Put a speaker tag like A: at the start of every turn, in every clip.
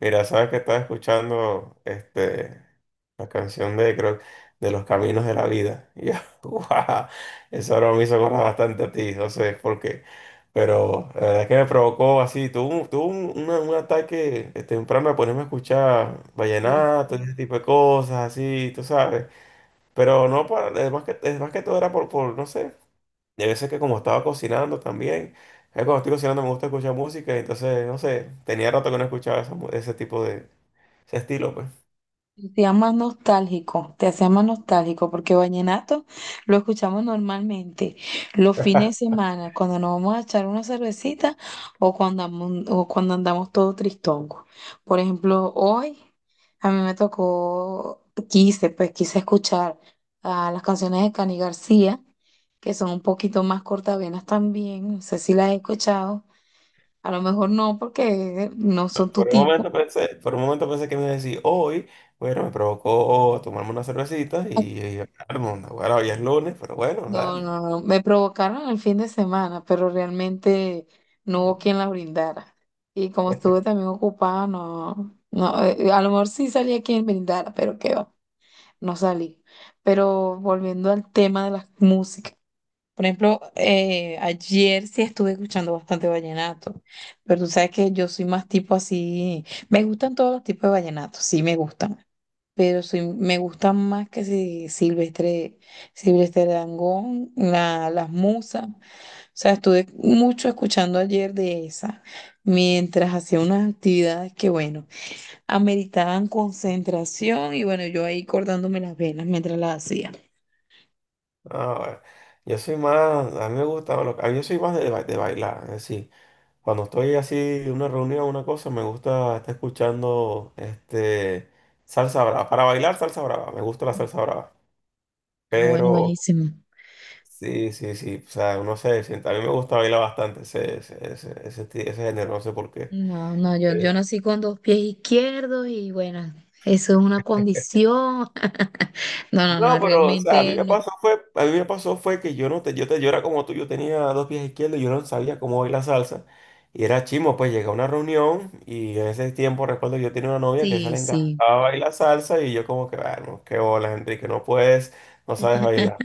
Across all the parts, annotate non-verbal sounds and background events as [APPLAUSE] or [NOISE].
A: Mira, sabes que estaba escuchando la canción de, creo, de Los Caminos de la Vida. Y ya, [LAUGHS] guau, eso ahora me hizo acordar bastante a ti, no sé por qué. Pero la verdad es que me provocó así, un ataque temprano a ponerme a escuchar
B: Bien.
A: vallenato, ese tipo de cosas, así, tú sabes. Pero no para, es más que todo era por, no sé, de veces que como estaba cocinando también. Cuando estoy cocinando me gusta escuchar música, entonces, no sé, tenía rato que no escuchaba ese tipo de, ese estilo, pues.
B: Te hacía más nostálgico, te hacía más nostálgico, porque vallenato lo escuchamos normalmente los fines de semana, cuando nos vamos a echar una cervecita o cuando andamos todo tristongos. Por ejemplo, hoy a mí me tocó, quise, pues quise escuchar a las canciones de Cani García, que son un poquito más cortavenas también, no sé si las he escuchado, a lo mejor no, porque no son tu
A: Por un
B: tipo.
A: momento pensé, por un momento pensé que me iba a decir, hoy, bueno, me provocó tomarme una cervecita y el mundo. Bueno, hoy es lunes, pero bueno,
B: No,
A: dale.
B: no, no. Me provocaron el fin de semana, pero realmente no hubo quien la brindara. Y como estuve también ocupada, no, no, a lo mejor sí salía quien brindara, pero qué va, no salí. Pero volviendo al tema de las músicas. Por ejemplo, ayer sí estuve escuchando bastante vallenato, pero tú sabes que yo soy más tipo así, me gustan todos los tipos de vallenato, sí me gustan pero soy, me gusta más que si Silvestre, Silvestre Dangond, la, las musas. O sea, estuve mucho escuchando ayer de esa, mientras hacía unas actividades que, bueno, ameritaban concentración y, bueno, yo ahí cortándome las venas mientras las hacía.
A: No, bueno. Yo soy más, a mí me gusta, lo- a mí yo soy más de, de bailar, es decir, cuando estoy así en una reunión o una cosa, me gusta estar escuchando salsa brava. Para bailar, salsa brava, me gusta la salsa brava.
B: Ah, bueno,
A: Pero
B: buenísimo.
A: sí, sí, sí, o sea, no sé, a mí me gusta bailar bastante ese género, no sé por qué.
B: No, no, yo nací con dos pies izquierdos y bueno, eso es una condición. [LAUGHS] No, no, no,
A: No, pero, o sea,
B: realmente no.
A: a mí me pasó fue que yo no te, yo te, yo era como tú, yo tenía dos pies izquierdos, yo no sabía cómo bailar salsa. Y era chimo, pues llegué a una reunión y en ese tiempo recuerdo yo tenía una novia que se
B: Sí,
A: le
B: sí.
A: encantaba bailar salsa y yo como que, bueno, qué bolas, Enrique, no puedes, no sabes bailar.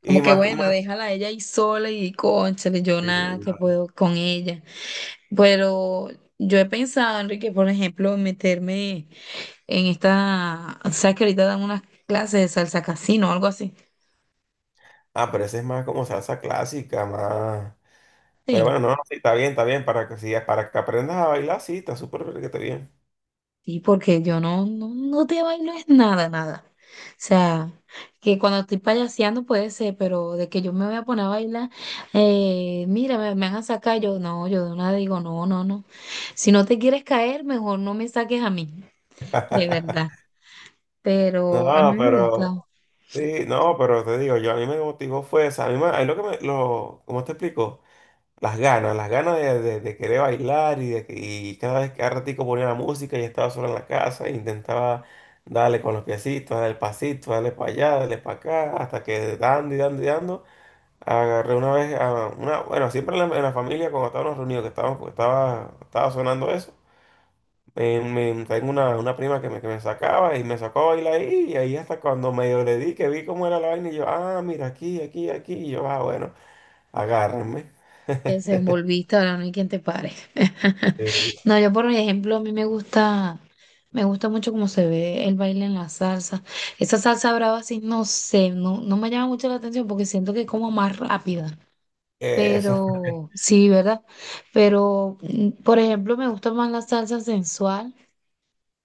A: Y
B: Como que
A: más,
B: bueno,
A: más,
B: déjala a ella ahí sola y cónchale, yo nada que
A: y,
B: puedo con ella. Pero yo he pensado, Enrique, por ejemplo, meterme en esta, o sea, que ahorita dan unas clases de salsa casino o algo así.
A: ah, pero ese es más como salsa clásica, más. Pero bueno,
B: Sí.
A: no, no, sí, está bien, para que sigas, para que aprendas a bailar, sí, está súper que está bien.
B: Sí, porque yo no, no, no te bailo es nada, nada. O sea, que cuando estoy payaseando puede ser, pero de que yo me voy a poner a bailar, mira, me van a sacar, yo no, yo de una digo, no, no, no. Si no te quieres caer, mejor no me saques a mí, de verdad. Pero a mí
A: No,
B: me
A: pero.
B: gusta.
A: Sí, no, pero te digo, yo a mí me motivó fue esa, a mí lo que ¿cómo te explico? Las ganas, las ganas de querer bailar y, y cada vez que ratico ponía la música y estaba solo en la casa e intentaba darle con los piecitos, darle el pasito, darle para allá, darle para acá, hasta que dando y dando y dando, agarré una vez, a una, bueno, siempre en la familia cuando estábamos reunidos, estaba sonando eso. Tengo una prima que me sacaba y me sacó a bailar ahí, y ahí hasta cuando medio le di, que vi cómo era la vaina, y yo, ah, mira, aquí, y yo, ah, bueno, agárrenme.
B: Te desenvolviste, ahora no hay quien te pare. [LAUGHS]
A: Eh,
B: No, yo por ejemplo, a mí me gusta mucho cómo se ve el baile en la salsa. Esa salsa brava así, no sé, no, no me llama mucho la atención porque siento que es como más rápida.
A: Eso, [LAUGHS]
B: Pero, sí, ¿verdad? Pero, mm, por ejemplo, me gusta más la salsa sensual,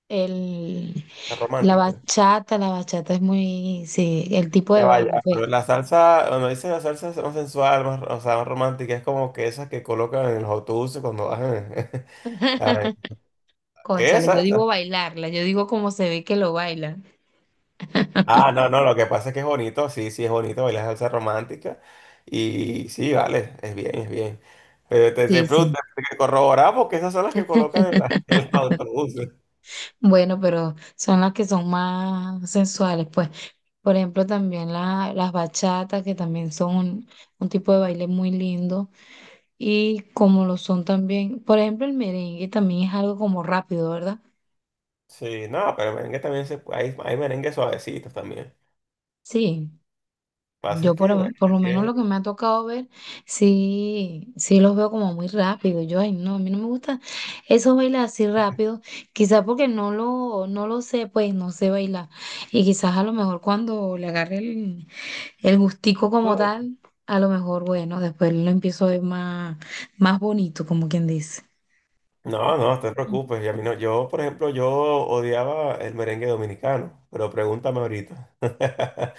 B: el,
A: es romántica.
B: la bachata es muy, sí, el tipo
A: Ya
B: de
A: vaya,
B: baile, pues.
A: pero la salsa, cuando dice la salsa más sensual, más, o sea, más romántica, es como que esas que colocan en los autobuses cuando bajan. [LAUGHS] A ver,
B: [LAUGHS] Cónchale, yo
A: esa, esa.
B: digo bailarla, yo digo cómo se ve que lo bailan.
A: Ah, no, no, lo que pasa es que es bonito, sí, sí, es bonito bailar salsa romántica. Y sí, vale, es bien, es bien. Pero te
B: Sí, sí.
A: pregunto, te corroborar porque esas son las que colocan en los
B: [LAUGHS]
A: autobuses.
B: Bueno, pero son las que son más sensuales, pues. Por ejemplo, también la- las bachatas, que también son un tipo de baile muy lindo. Y como lo son también, por ejemplo, el merengue también es algo como rápido, ¿verdad?
A: Sí, no, pero merengue también se puede, hay merengue suavecitos también.
B: Sí.
A: Pasa
B: Yo
A: es que, bueno,
B: por lo menos lo que me ha tocado ver, sí, sí los veo como muy rápido. Yo, ay, no, a mí no me gusta esos bailes así rápido, quizás porque no lo, no lo sé, pues no sé bailar. Y quizás a lo mejor cuando le agarre el gustico como
A: no,
B: tal, a lo mejor, bueno, después lo empiezo a ver más, más bonito, como quien dice.
A: no, no, no te preocupes. Y a mí no, yo, por ejemplo, yo odiaba el merengue dominicano, pero pregúntame ahorita. [LAUGHS]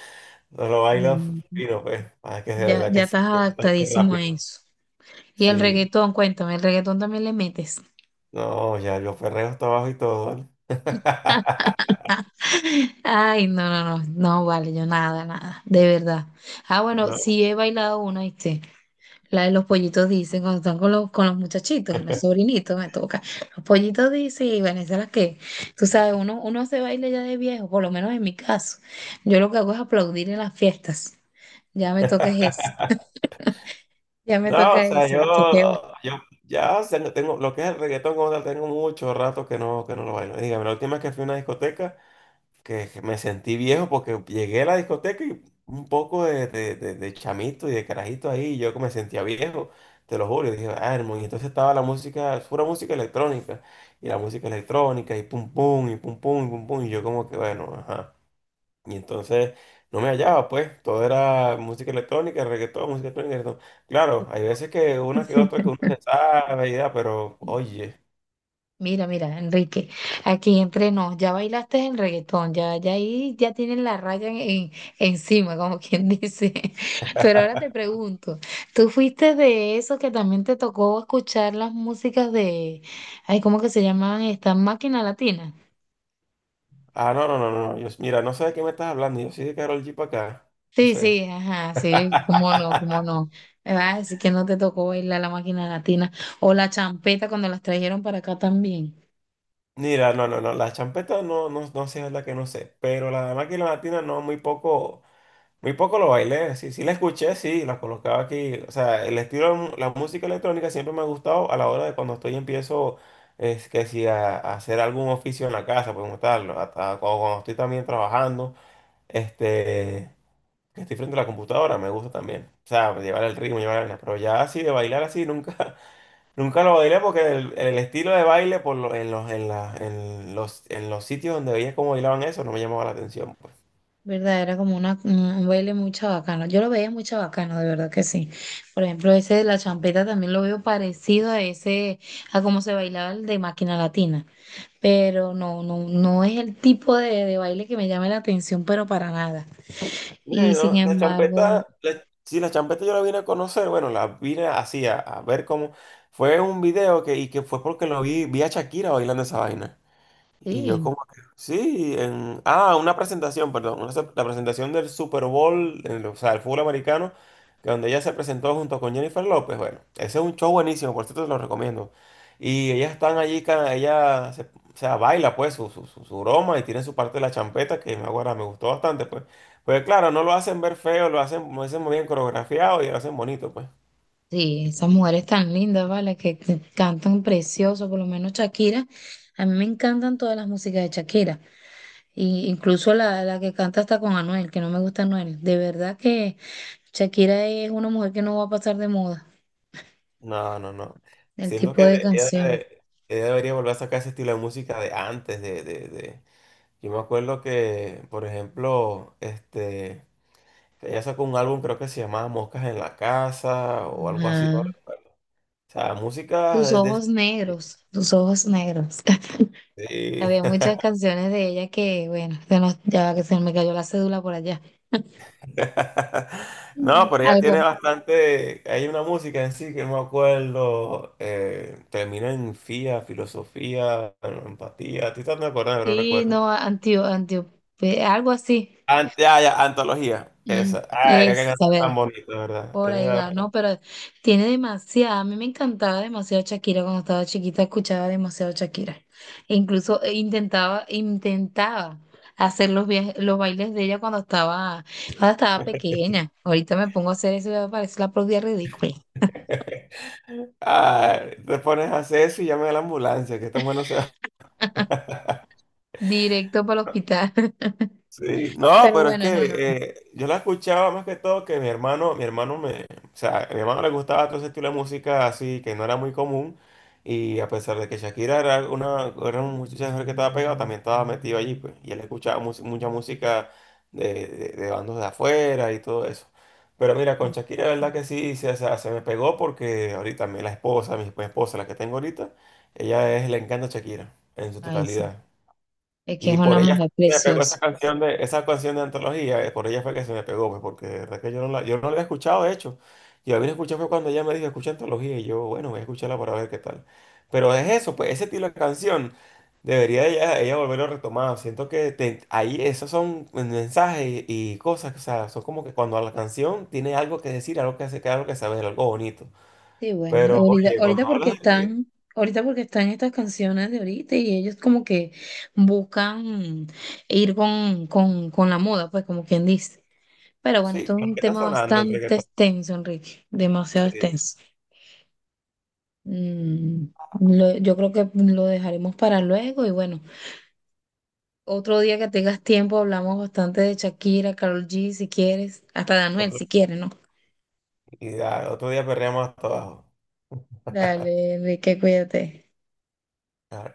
A: No lo bailo
B: Mm.
A: fino, pues, ah, es que de
B: Ya,
A: verdad
B: ya
A: que
B: estás
A: sí, que es bastante
B: adaptadísimo a
A: rápido.
B: eso. Y el
A: Sí.
B: reggaetón, cuéntame, ¿el reggaetón también le metes?
A: No, ya yo Ferreo está abajo y todo, ¿vale? [LAUGHS]
B: Ay, no, no, no, no vale, yo nada, nada, de verdad. Ah, bueno,
A: No,
B: sí he bailado una, ¿viste? La de los pollitos dicen, cuando están con los muchachitos, los sobrinitos me toca. Los pollitos dicen, y bueno, esa es la que, tú sabes, uno, uno se baila ya de viejo, por lo menos en mi caso. Yo lo que hago es aplaudir en las fiestas. Ya me toca es eso, [LAUGHS] ya me
A: no,
B: toca
A: o sea,
B: eso,
A: yo,
B: mucho que va.
A: yo tengo, lo que es el reggaetón como tal, tengo mucho rato que que no lo bailo. Dígame, la última vez que fui a una discoteca, que me sentí viejo porque llegué a la discoteca y un poco de, de chamito y de carajito ahí, y yo que me sentía viejo, te lo juro, y dije, ah, hermano, y entonces estaba la música, pura música electrónica, y la música electrónica, y pum pum, y pum pum, y pum pum, y yo como que, bueno, ajá. Y entonces no me hallaba, pues, todo era música electrónica, reggaetón, música electrónica, reggaetón. Claro, hay veces que una que otra que uno se sabe, y da, pero oye,
B: Mira, mira, Enrique, aquí entre nos, ya bailaste el reggaetón, ya, ya ahí ya tienen la raya en- encima, como quien dice. [LAUGHS] Pero ahora te pregunto, ¿tú fuiste de esos que también te tocó escuchar las músicas de, ay, ¿cómo que se llaman estas máquinas latinas?
A: ah, yo, mira, no sé de qué me estás hablando, yo soy de Karol G para acá, no
B: Sí,
A: sé.
B: sí, ajá, sí, cómo no, cómo
A: [LAUGHS]
B: no. Ah, así que no te tocó bailar la máquina latina o la champeta cuando las trajeron para acá también.
A: Mira, no, no, no, la champeta no, no, no sé, es la que no sé, pero la máquina latina no, muy poco. Muy poco lo bailé, sí, sí la escuché, sí, la colocaba aquí. O sea, el estilo, de mu- la música electrónica siempre me ha gustado a la hora de cuando estoy empiezo, es que si a, a hacer algún oficio en la casa, pues como tal, o cuando estoy también trabajando, este, que estoy frente a la computadora, me gusta también. O sea, llevar el ritmo, llevar el... Pero ya así de bailar así, nunca, [LAUGHS] nunca lo bailé porque el estilo de baile en los, en la- en los sitios donde veía cómo bailaban, eso no me llamaba la atención, pues.
B: ¿Verdad? Era como una, un baile muy chabacano. Yo lo veía muy chabacano, de verdad que sí. Por ejemplo, ese de la champeta también lo veo parecido a ese, a cómo se bailaba el de Máquina Latina. Pero no, no, no es el tipo de baile que me llame la atención, pero para nada. Y sin
A: Bueno, la
B: embargo,
A: champeta, sí, la champeta yo la vine a conocer, bueno, la vine así a ver cómo fue un video que fue porque lo vi, vi a Shakira bailando esa vaina. Y yo
B: sí,
A: como que, sí, en, ah, una presentación, perdón, la presentación del Super Bowl, o sea, el fútbol americano, que donde ella se presentó junto con Jennifer López. Bueno, ese es un show buenísimo, por cierto, te lo recomiendo. Y ellas están allí, o sea, baila pues su broma y tiene su parte de la champeta, que acuerdo, me gustó bastante, pues. Pues claro, no lo hacen ver feo, lo hacen muy bien coreografiado y lo hacen bonito, pues.
B: sí, esas mujeres tan lindas, ¿vale? Que cantan precioso, por lo menos Shakira. A mí me encantan todas las músicas de Shakira. Y incluso la, la que canta hasta con Anuel, que no me gusta Anuel. De verdad que Shakira es una mujer que no va a pasar de moda.
A: No, no, no.
B: El
A: Siento
B: tipo
A: que
B: de
A: ella,
B: canción.
A: debe- ella debería volver a sacar ese estilo de música de antes, yo me acuerdo que, por ejemplo, ella sacó un álbum, creo que se llamaba Moscas en la Casa o algo así, no
B: Ajá.
A: recuerdo. O sea, música
B: Tus
A: de...
B: ojos negros, tus ojos negros. [LAUGHS] Había
A: sí.
B: muchas canciones de ella que, bueno, se nos- ya que se me cayó la cédula por allá.
A: [LAUGHS]
B: Mm.
A: No, pero ella
B: Algo.
A: tiene bastante... Hay una música en sí que no me acuerdo. Termina en fía, filosofía, en empatía. A ti también me acuerdas, pero no
B: Sí,
A: recuerdo.
B: no, antio, antio, algo así.
A: Ante, ah, ya, antología,
B: Mm,
A: esa. Ay, qué
B: es, a
A: canción tan
B: ver,
A: bonita, ¿verdad?
B: por
A: Es
B: ahí va,
A: verdad.
B: ¿no? Pero tiene demasiada, a mí me encantaba demasiado Shakira cuando estaba chiquita, escuchaba demasiado Shakira. E incluso intentaba, intentaba hacer los, via- los bailes de ella cuando estaba pequeña. Ahorita me pongo a hacer eso y me parece la propia ridícula.
A: Ay, te pones a hacer eso y llame a la ambulancia, que tan bueno se.
B: [LAUGHS] Directo para el hospital.
A: Sí,
B: [LAUGHS]
A: no,
B: Pero
A: pero es
B: bueno,
A: que
B: no, no, no.
A: yo la escuchaba más que todo que mi hermano, o sea, a mi hermano le gustaba todo ese estilo de música así que no era muy común, y a pesar de que Shakira era una muchacha que estaba pegada, también estaba metido allí, pues, y él escuchaba mucha música de, de bandos de afuera y todo eso. Pero mira, con Shakira, la verdad que sí, o sea, se me pegó porque ahorita la esposa, mi esposa, la que tengo ahorita, le encanta Shakira en su
B: Ay, sí.
A: totalidad.
B: Es que es
A: Y
B: una
A: por ella fue
B: mujer
A: que me pegó
B: preciosa.
A: esa canción de antología, por ella fue que se me pegó, pues, porque de verdad que yo no la había escuchado, de hecho. Yo la vine a escuchar fue cuando ella me dijo, escucha antología, y yo, bueno, voy a escucharla para ver qué tal. Pero es eso, pues, ese estilo de canción, debería ella volverlo a retomar. Siento que ahí esos son mensajes y cosas, o sea, son como que cuando la canción tiene algo que decir, algo que hace, algo que saber, algo bonito.
B: Sí, bueno,
A: Pero,
B: ahorita,
A: oye, cuando hablas de reggaetón,
B: ahorita porque están estas canciones de ahorita y ellos como que buscan ir con la moda, pues como quien dice. Pero bueno,
A: sí,
B: esto es
A: con lo
B: un
A: que está
B: tema
A: sonando el
B: bastante
A: reggaetón,
B: extenso, Enrique, demasiado
A: sí.
B: extenso. Mm, lo- yo creo que lo dejaremos para luego y bueno, otro día que tengas tiempo hablamos bastante de Shakira, Karol G, si quieres, hasta de Anuel, si quieres, ¿no?
A: Y ya, otro día perreamos hasta abajo.
B: Dale, Enrique, cuídate.
A: Ah,